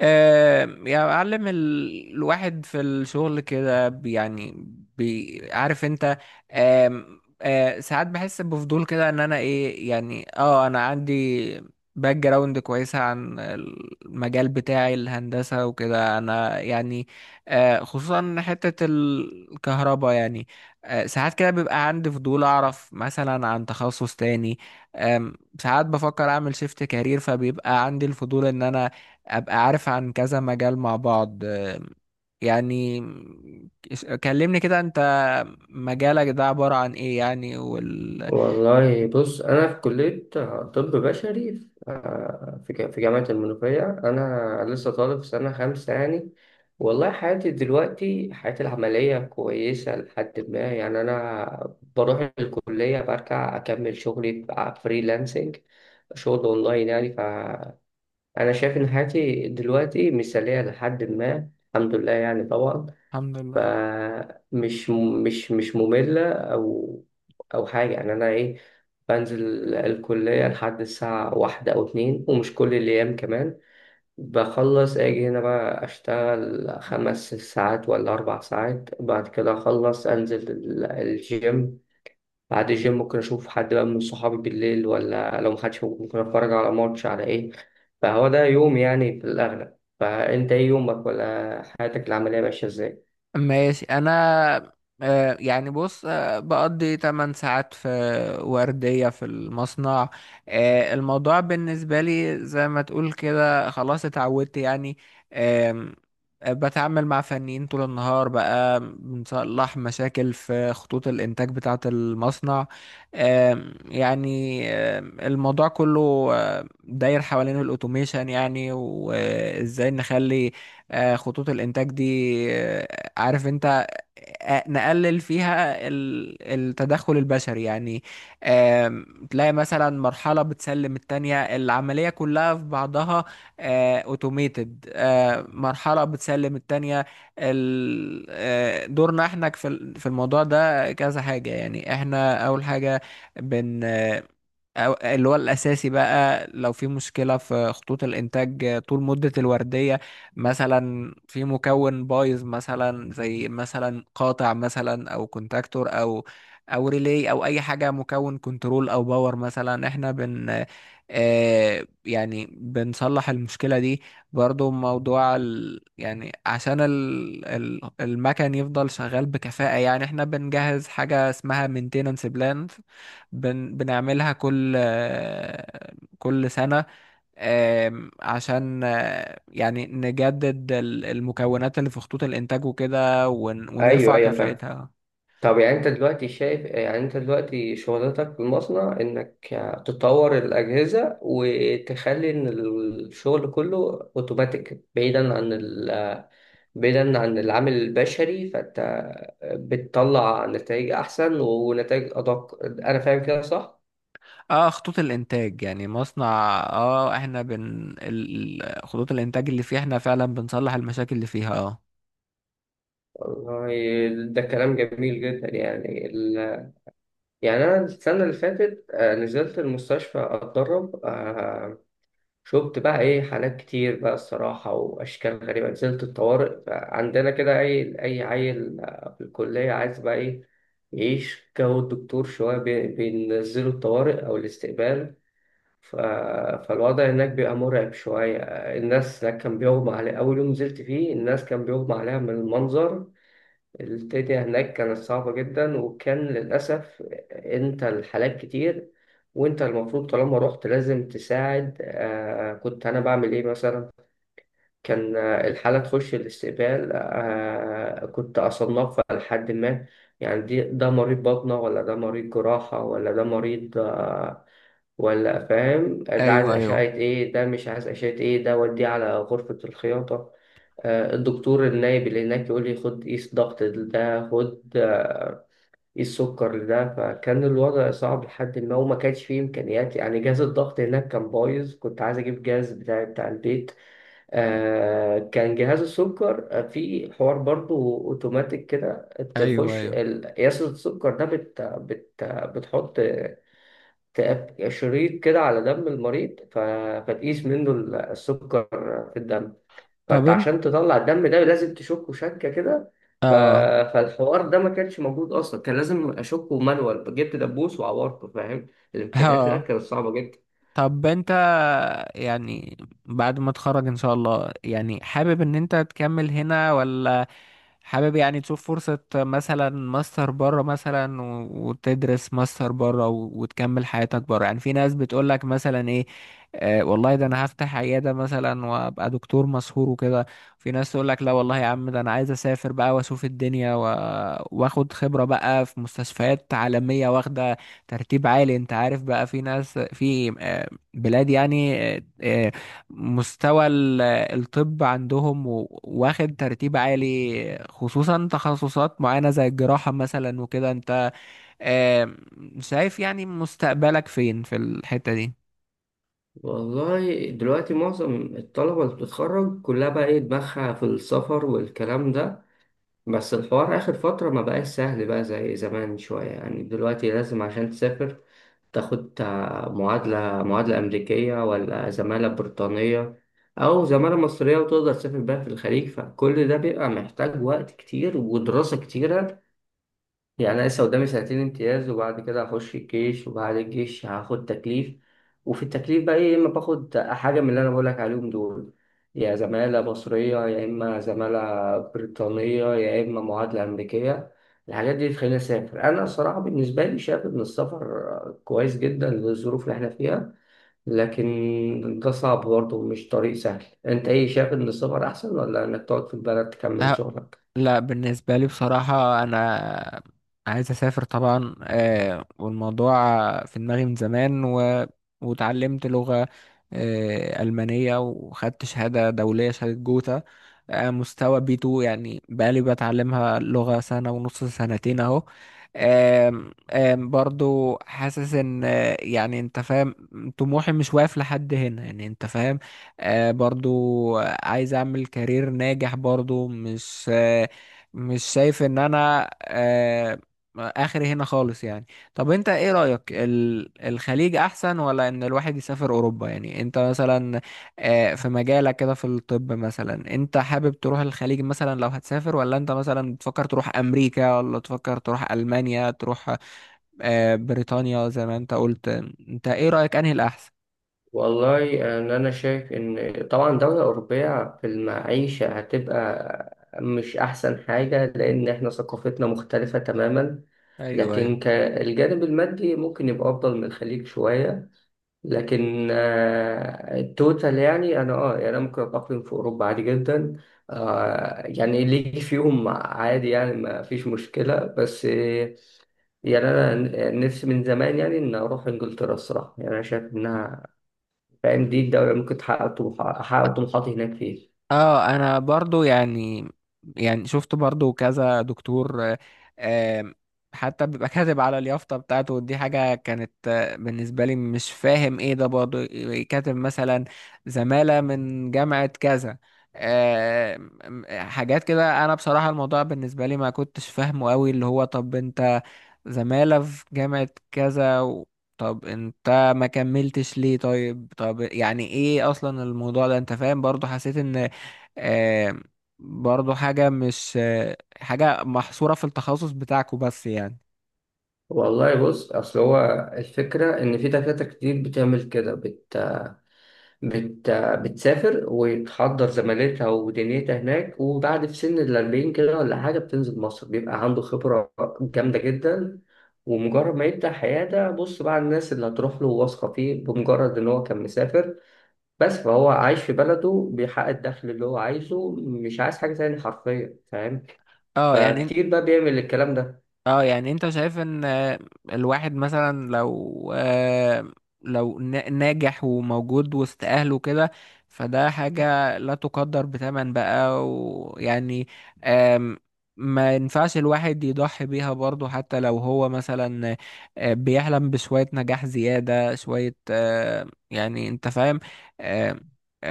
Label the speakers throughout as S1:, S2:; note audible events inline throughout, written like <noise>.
S1: يعني أعلم الواحد في الشغل كده، يعني عارف أنت. آم، آه، ساعات بحس بفضول كده، إن أنا إيه يعني، أنا عندي باك جراوند كويسة عن المجال بتاعي، الهندسة وكده. أنا يعني خصوصا حتة الكهرباء يعني. ساعات كده بيبقى عندي فضول أعرف مثلا عن تخصص تاني. آم، ساعات بفكر أعمل شيفت كارير، فبيبقى عندي الفضول إن أنا ابقى عارف عن كذا مجال مع بعض. يعني كلمني كده انت، مجالك ده عبارة عن ايه يعني؟
S2: والله، بص، أنا في كلية طب بشري في آه، في ج- في جامعة المنوفية. أنا لسه طالب في سنة خمسة، يعني. والله، حياتي دلوقتي، حياتي العملية كويسة لحد ما، يعني. أنا بروح الكلية برجع أكمل شغلي فريلانسنج، شغل أونلاين، يعني. فأنا شايف إن حياتي دلوقتي مثالية لحد ما. الحمد لله، يعني، طبعا.
S1: الحمد لله.
S2: فمش مش مش مملة أو حاجة، يعني. أنا إيه، بنزل الكلية لحد الساعة واحدة أو اتنين، ومش كل الأيام كمان. بخلص أجي هنا بقى، أشتغل 5 ساعات ولا 4 ساعات. بعد كده أخلص أنزل الجيم. بعد الجيم ممكن أشوف حد بقى من صحابي بالليل، ولا لو محدش موجود ممكن أتفرج على ماتش، على إيه. فهو ده يوم، يعني، في الأغلب. فأنت إيه يومك، ولا حياتك العملية ماشية إزاي؟
S1: ماشي. انا بص، بقضي 8 ساعات في وردية في المصنع. الموضوع بالنسبة لي زي ما تقول كده، خلاص اتعودت يعني. آم، آه، بتعامل مع فنيين طول النهار، بقى بنصلح مشاكل في خطوط الإنتاج بتاعة المصنع. آم، يعني آم، الموضوع كله داير حوالين الأوتوميشن، يعني وإزاي نخلي خطوط الإنتاج دي آه، عارف انت آه، آه، نقلل فيها التدخل البشري يعني. تلاقي مثلا مرحلة بتسلم التانية، العملية كلها في بعضها اوتوميتد. مرحلة بتسلم التانية دورنا احنا في الموضوع ده كذا حاجة يعني. احنا اول حاجة، بن اللي هو الأساسي بقى، لو في مشكلة في خطوط الإنتاج طول مدة الوردية، مثلا في مكون بايظ، مثلا زي مثلا قاطع، مثلا أو كونتاكتور، أو ريلي أو أي حاجة، مكون كنترول أو باور مثلا، إحنا بن آه يعني بنصلح المشكلة دي. برضو موضوع ال يعني عشان ال المكن يفضل شغال بكفاءة، يعني إحنا بنجهز حاجة اسمها maintenance plan. بنعملها كل سنة، عشان يعني نجدد المكونات اللي في خطوط الإنتاج وكده،
S2: أيوه،
S1: ونرفع
S2: أيوه، فاهم.
S1: كفاءتها.
S2: طب، يعني، انت دلوقتي شغلتك في المصنع انك تطور الاجهزه، وتخلي ان الشغل كله اوتوماتيك، بعيدا عن بعيدا عن العامل البشري. فانت بتطلع نتائج احسن ونتائج ادق. انا فاهم كده، صح؟
S1: اه، خطوط الإنتاج يعني مصنع. اه احنا خطوط الإنتاج اللي فيها احنا فعلا بنصلح المشاكل اللي فيها. اه
S2: والله، ده كلام جميل جدا، يعني يعني انا السنه اللي فاتت نزلت المستشفى، اتدرب. شفت بقى ايه حالات كتير بقى، الصراحة، وأشكال غريبة. نزلت الطوارئ بقى عندنا كده، أي عيل في الكلية عايز بقى ايه يعيش جو الدكتور شوية، بينزلوا الطوارئ أو الاستقبال. ف... فالوضع هناك بيبقى مرعب شوية. الناس هناك كان بيغمى عليها. أول يوم نزلت فيه، الناس كان بيغمى عليها من المنظر. الدنيا هناك كانت صعبة جدا، وكان للأسف أنت الحالات كتير، وأنت المفروض طالما رحت لازم تساعد. كنت أنا بعمل إيه، مثلا؟ كان الحالة تخش الاستقبال، كنت أصنفها. لحد ما، يعني، ده مريض بطنة، ولا ده مريض جراحة، ولا ده مريض ولا فاهم، ده عايز
S1: ايوه،
S2: أشعة
S1: ايوه،
S2: إيه، ده مش عايز أشعة إيه، ده وديه على غرفة الخياطة. الدكتور النايب اللي هناك يقول لي خد قيس ضغط ده، خد قيس سكر ده. فكان الوضع صعب لحد ما، وما كانش فيه إمكانيات، يعني. جهاز الضغط هناك كان بايظ، كنت عايز أجيب جهاز بتاع البيت. كان جهاز السكر في حوار برضو أوتوماتيك كده.
S1: ايوه،
S2: تخش
S1: ايوه.
S2: قياس السكر ده، بت بت بتحط شريط كده على دم المريض. فتقيس منه السكر في الدم.
S1: طب
S2: فانت
S1: انت
S2: عشان تطلع الدم ده لازم تشكه، شكه كده. ف...
S1: اه
S2: فالحوار ده ما كانش موجود اصلا. كان لازم اشكه مانوال، جبت دبوس وعورته، فاهم.
S1: <laughs>
S2: الامكانيات هناك
S1: اه
S2: كانت صعبه جدا.
S1: طب انت، يعني بعد ما تخرج ان شاء الله، يعني حابب ان انت تكمل هنا، ولا حابب يعني تشوف فرصة مثلا ماستر بره مثلا، وتدرس ماستر بره، وتكمل حياتك بره؟ يعني في ناس بتقولك مثلا ايه، آه والله ده انا هفتح عيادة مثلا وابقى دكتور مشهور وكده. في ناس تقولك لا والله يا عم، ده انا عايز اسافر بقى واشوف الدنيا واخد خبرة بقى في مستشفيات عالمية واخدة ترتيب عالي، انت عارف، بقى في ناس في بلاد يعني مستوى الطب عندهم واخد ترتيب عالي، خصوصا تخصصات معينة زي الجراحة مثلا وكده. انت آم، شايف يعني مستقبلك فين في الحتة دي؟
S2: والله، دلوقتي معظم الطلبه اللي بتتخرج كلها بقى ايه دماغها في السفر والكلام ده. بس الحوار آخر فترة ما بقاش سهل بقى زي زمان شوية، يعني. دلوقتي لازم عشان تسافر تاخد معادلة أمريكية، ولا زمالة بريطانية، أو زمالة مصرية وتقدر تسافر بيها في الخليج. فكل ده بيبقى محتاج وقت كتير ودراسة كتيرة. يعني أنا لسه قدامي سنتين امتياز، وبعد كده هخش الجيش، وبعد الجيش هاخد تكليف. وفي التكليف بقى إيه، إما باخد حاجة من اللي أنا بقولك عليهم دول، يا زمالة مصرية، يا إما زمالة بريطانية، يا إما معادلة أمريكية. الحاجات دي تخليني أسافر. أنا الصراحة بالنسبة لي شايف إن السفر كويس جدا للظروف اللي إحنا فيها، لكن ده صعب برضه، مش طريق سهل. أنت إيه شايف، إن السفر أحسن ولا إنك تقعد في البلد تكمل شغلك؟
S1: لا، بالنسبة لي بصراحة أنا عايز أسافر طبعا. والموضوع في دماغي من زمان، وتعلمت لغة ألمانية، وخدت شهادة دولية، شهادة جوتا، مستوى بي 2، يعني بقالي بتعلمها لغة سنة ونص، سنتين أهو. آم، آم، برضو حاسس ان انت فاهم، طموحي مش واقف لحد هنا، يعني انت فاهم. برضو عايز اعمل كارير ناجح، برضو مش شايف ان انا اخري هنا خالص يعني. طب انت ايه رأيك، الخليج احسن، ولا ان الواحد يسافر اوروبا؟ يعني انت مثلا، في مجالك كده في الطب مثلا، انت حابب تروح الخليج مثلا لو هتسافر، ولا انت مثلا بتفكر تروح امريكا، ولا تفكر تروح المانيا، تروح بريطانيا زي ما انت قلت؟ انت ايه رأيك انهي الاحسن؟
S2: والله، أنا شايف إن طبعا دولة أوروبية في المعيشة هتبقى مش أحسن حاجة، لأن إحنا ثقافتنا مختلفة تماما.
S1: ايوه، ايوه.
S2: لكن كالجانب المادي ممكن يبقى أفضل من الخليج شوية. لكن التوتال، يعني، أنا أه يعني أنا ممكن أتأقلم في أوروبا عادي جدا. يعني اللي يجي فيهم عادي، يعني، ما فيش مشكلة. بس يعني أنا نفسي من زمان، يعني، إن أروح إنجلترا، الصراحة. يعني أنا شايف إنها، فاهم، دي الدولة ممكن تحقق أحقق طموحاتي هناك، فيه.
S1: اه انا برضو يعني، شفت برضو كذا دكتور آه، آم، حتى بيبقى <laughs> كاتب على اليافطة بتاعته، ودي حاجة كانت بالنسبة لي مش فاهم ايه ده برضو. كاتب مثلا زمالة من جامعة كذا، آم، آم، حاجات كده. انا بصراحة الموضوع بالنسبة لي ما كنتش فاهمه قوي، اللي هو طب انت زمالة في جامعة كذا طب انت ما كملتش ليه؟ طيب، طب يعني ايه اصلا الموضوع ده؟ انت فاهم؟ برضو حسيت ان آه، برضو حاجة مش حاجة محصورة في التخصص بتاعكوا بس يعني.
S2: والله، بص، أصل هو الفكرة إن في دكاترة كتير بتعمل كده، بت... بتسافر وتحضر زمالتها ودنيتها هناك. وبعد في سن الأربعين كده، ولا حاجة، بتنزل مصر بيبقى عنده خبرة جامدة جدا. ومجرد ما يبدأ حياة ده، بص بقى، الناس اللي هتروح له واثقة فيه بمجرد إن هو كان مسافر بس. فهو عايش في بلده بيحقق الدخل اللي هو عايزه، مش عايز حاجة تاني حرفيا، فاهم.
S1: اه يعني.
S2: فكتير بقى بيعمل الكلام ده.
S1: اه يعني انت شايف ان الواحد مثلا لو لو ناجح وموجود وسط اهله كده، فده حاجة لا تقدر بثمن بقى، ويعني آم، ما ينفعش الواحد يضحي بيها برضه، حتى لو هو مثلا بيحلم بشوية نجاح زيادة، شوية انت فاهم، آه،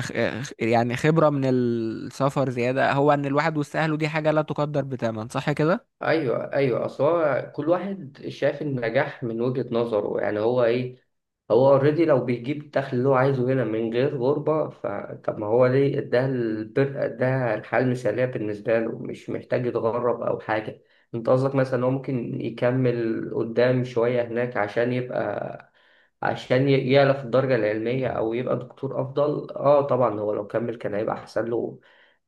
S1: خ- يعني خبرة من السفر زيادة. هو ان الواحد وسط اهله دي حاجة لا تقدر بثمن، صح كده؟
S2: ايوه، ايوه، اصل هو كل واحد شايف النجاح من وجهة نظره، يعني. هو ايه، هو اوريدي لو بيجيب الدخل اللي هو عايزه هنا من غير غربة، فطب ما هو ليه، اداها البر، اداها الحياة المثالية بالنسبة له. مش محتاج يتغرب او حاجة. انت قصدك مثلا هو ممكن يكمل قدام شوية هناك عشان يبقى، يعلى في الدرجة العلمية، أو يبقى دكتور أفضل. اه طبعا، هو لو كمل كان هيبقى أحسن له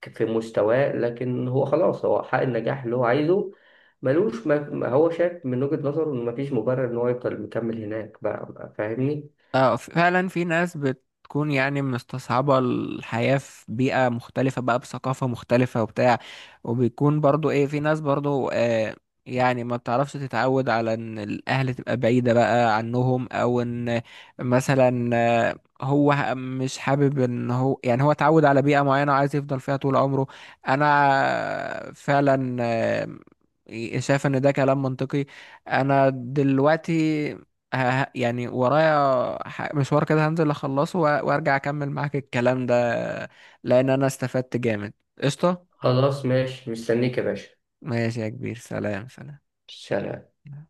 S2: في مستواه. لكن هو خلاص، هو حقق النجاح اللي هو عايزه. ملوش، ما هو شايف من وجهة نظره إن مفيش مبرر إن هو يفضل مكمل هناك، بقى، فاهمني؟
S1: اه فعلا، في ناس بتكون يعني مستصعبة الحياة في بيئة مختلفة، بقى بثقافة مختلفة وبتاع، وبيكون برضو ايه، في ناس برضو يعني ما بتعرفش تتعود على ان الاهل تبقى بعيدة بقى عنهم، او ان مثلا هو مش حابب، ان هو يعني هو اتعود على بيئة معينة وعايز يفضل فيها طول عمره. انا فعلا شايف ان ده كلام منطقي. انا دلوقتي يعني ورايا مشوار كده، هنزل اخلصه وارجع اكمل معاك الكلام ده، لان انا استفدت جامد. قشطة.
S2: خلاص، ماشي، مستنيك يا باشا.
S1: ماشي يا كبير، سلام، سلام.
S2: سلام.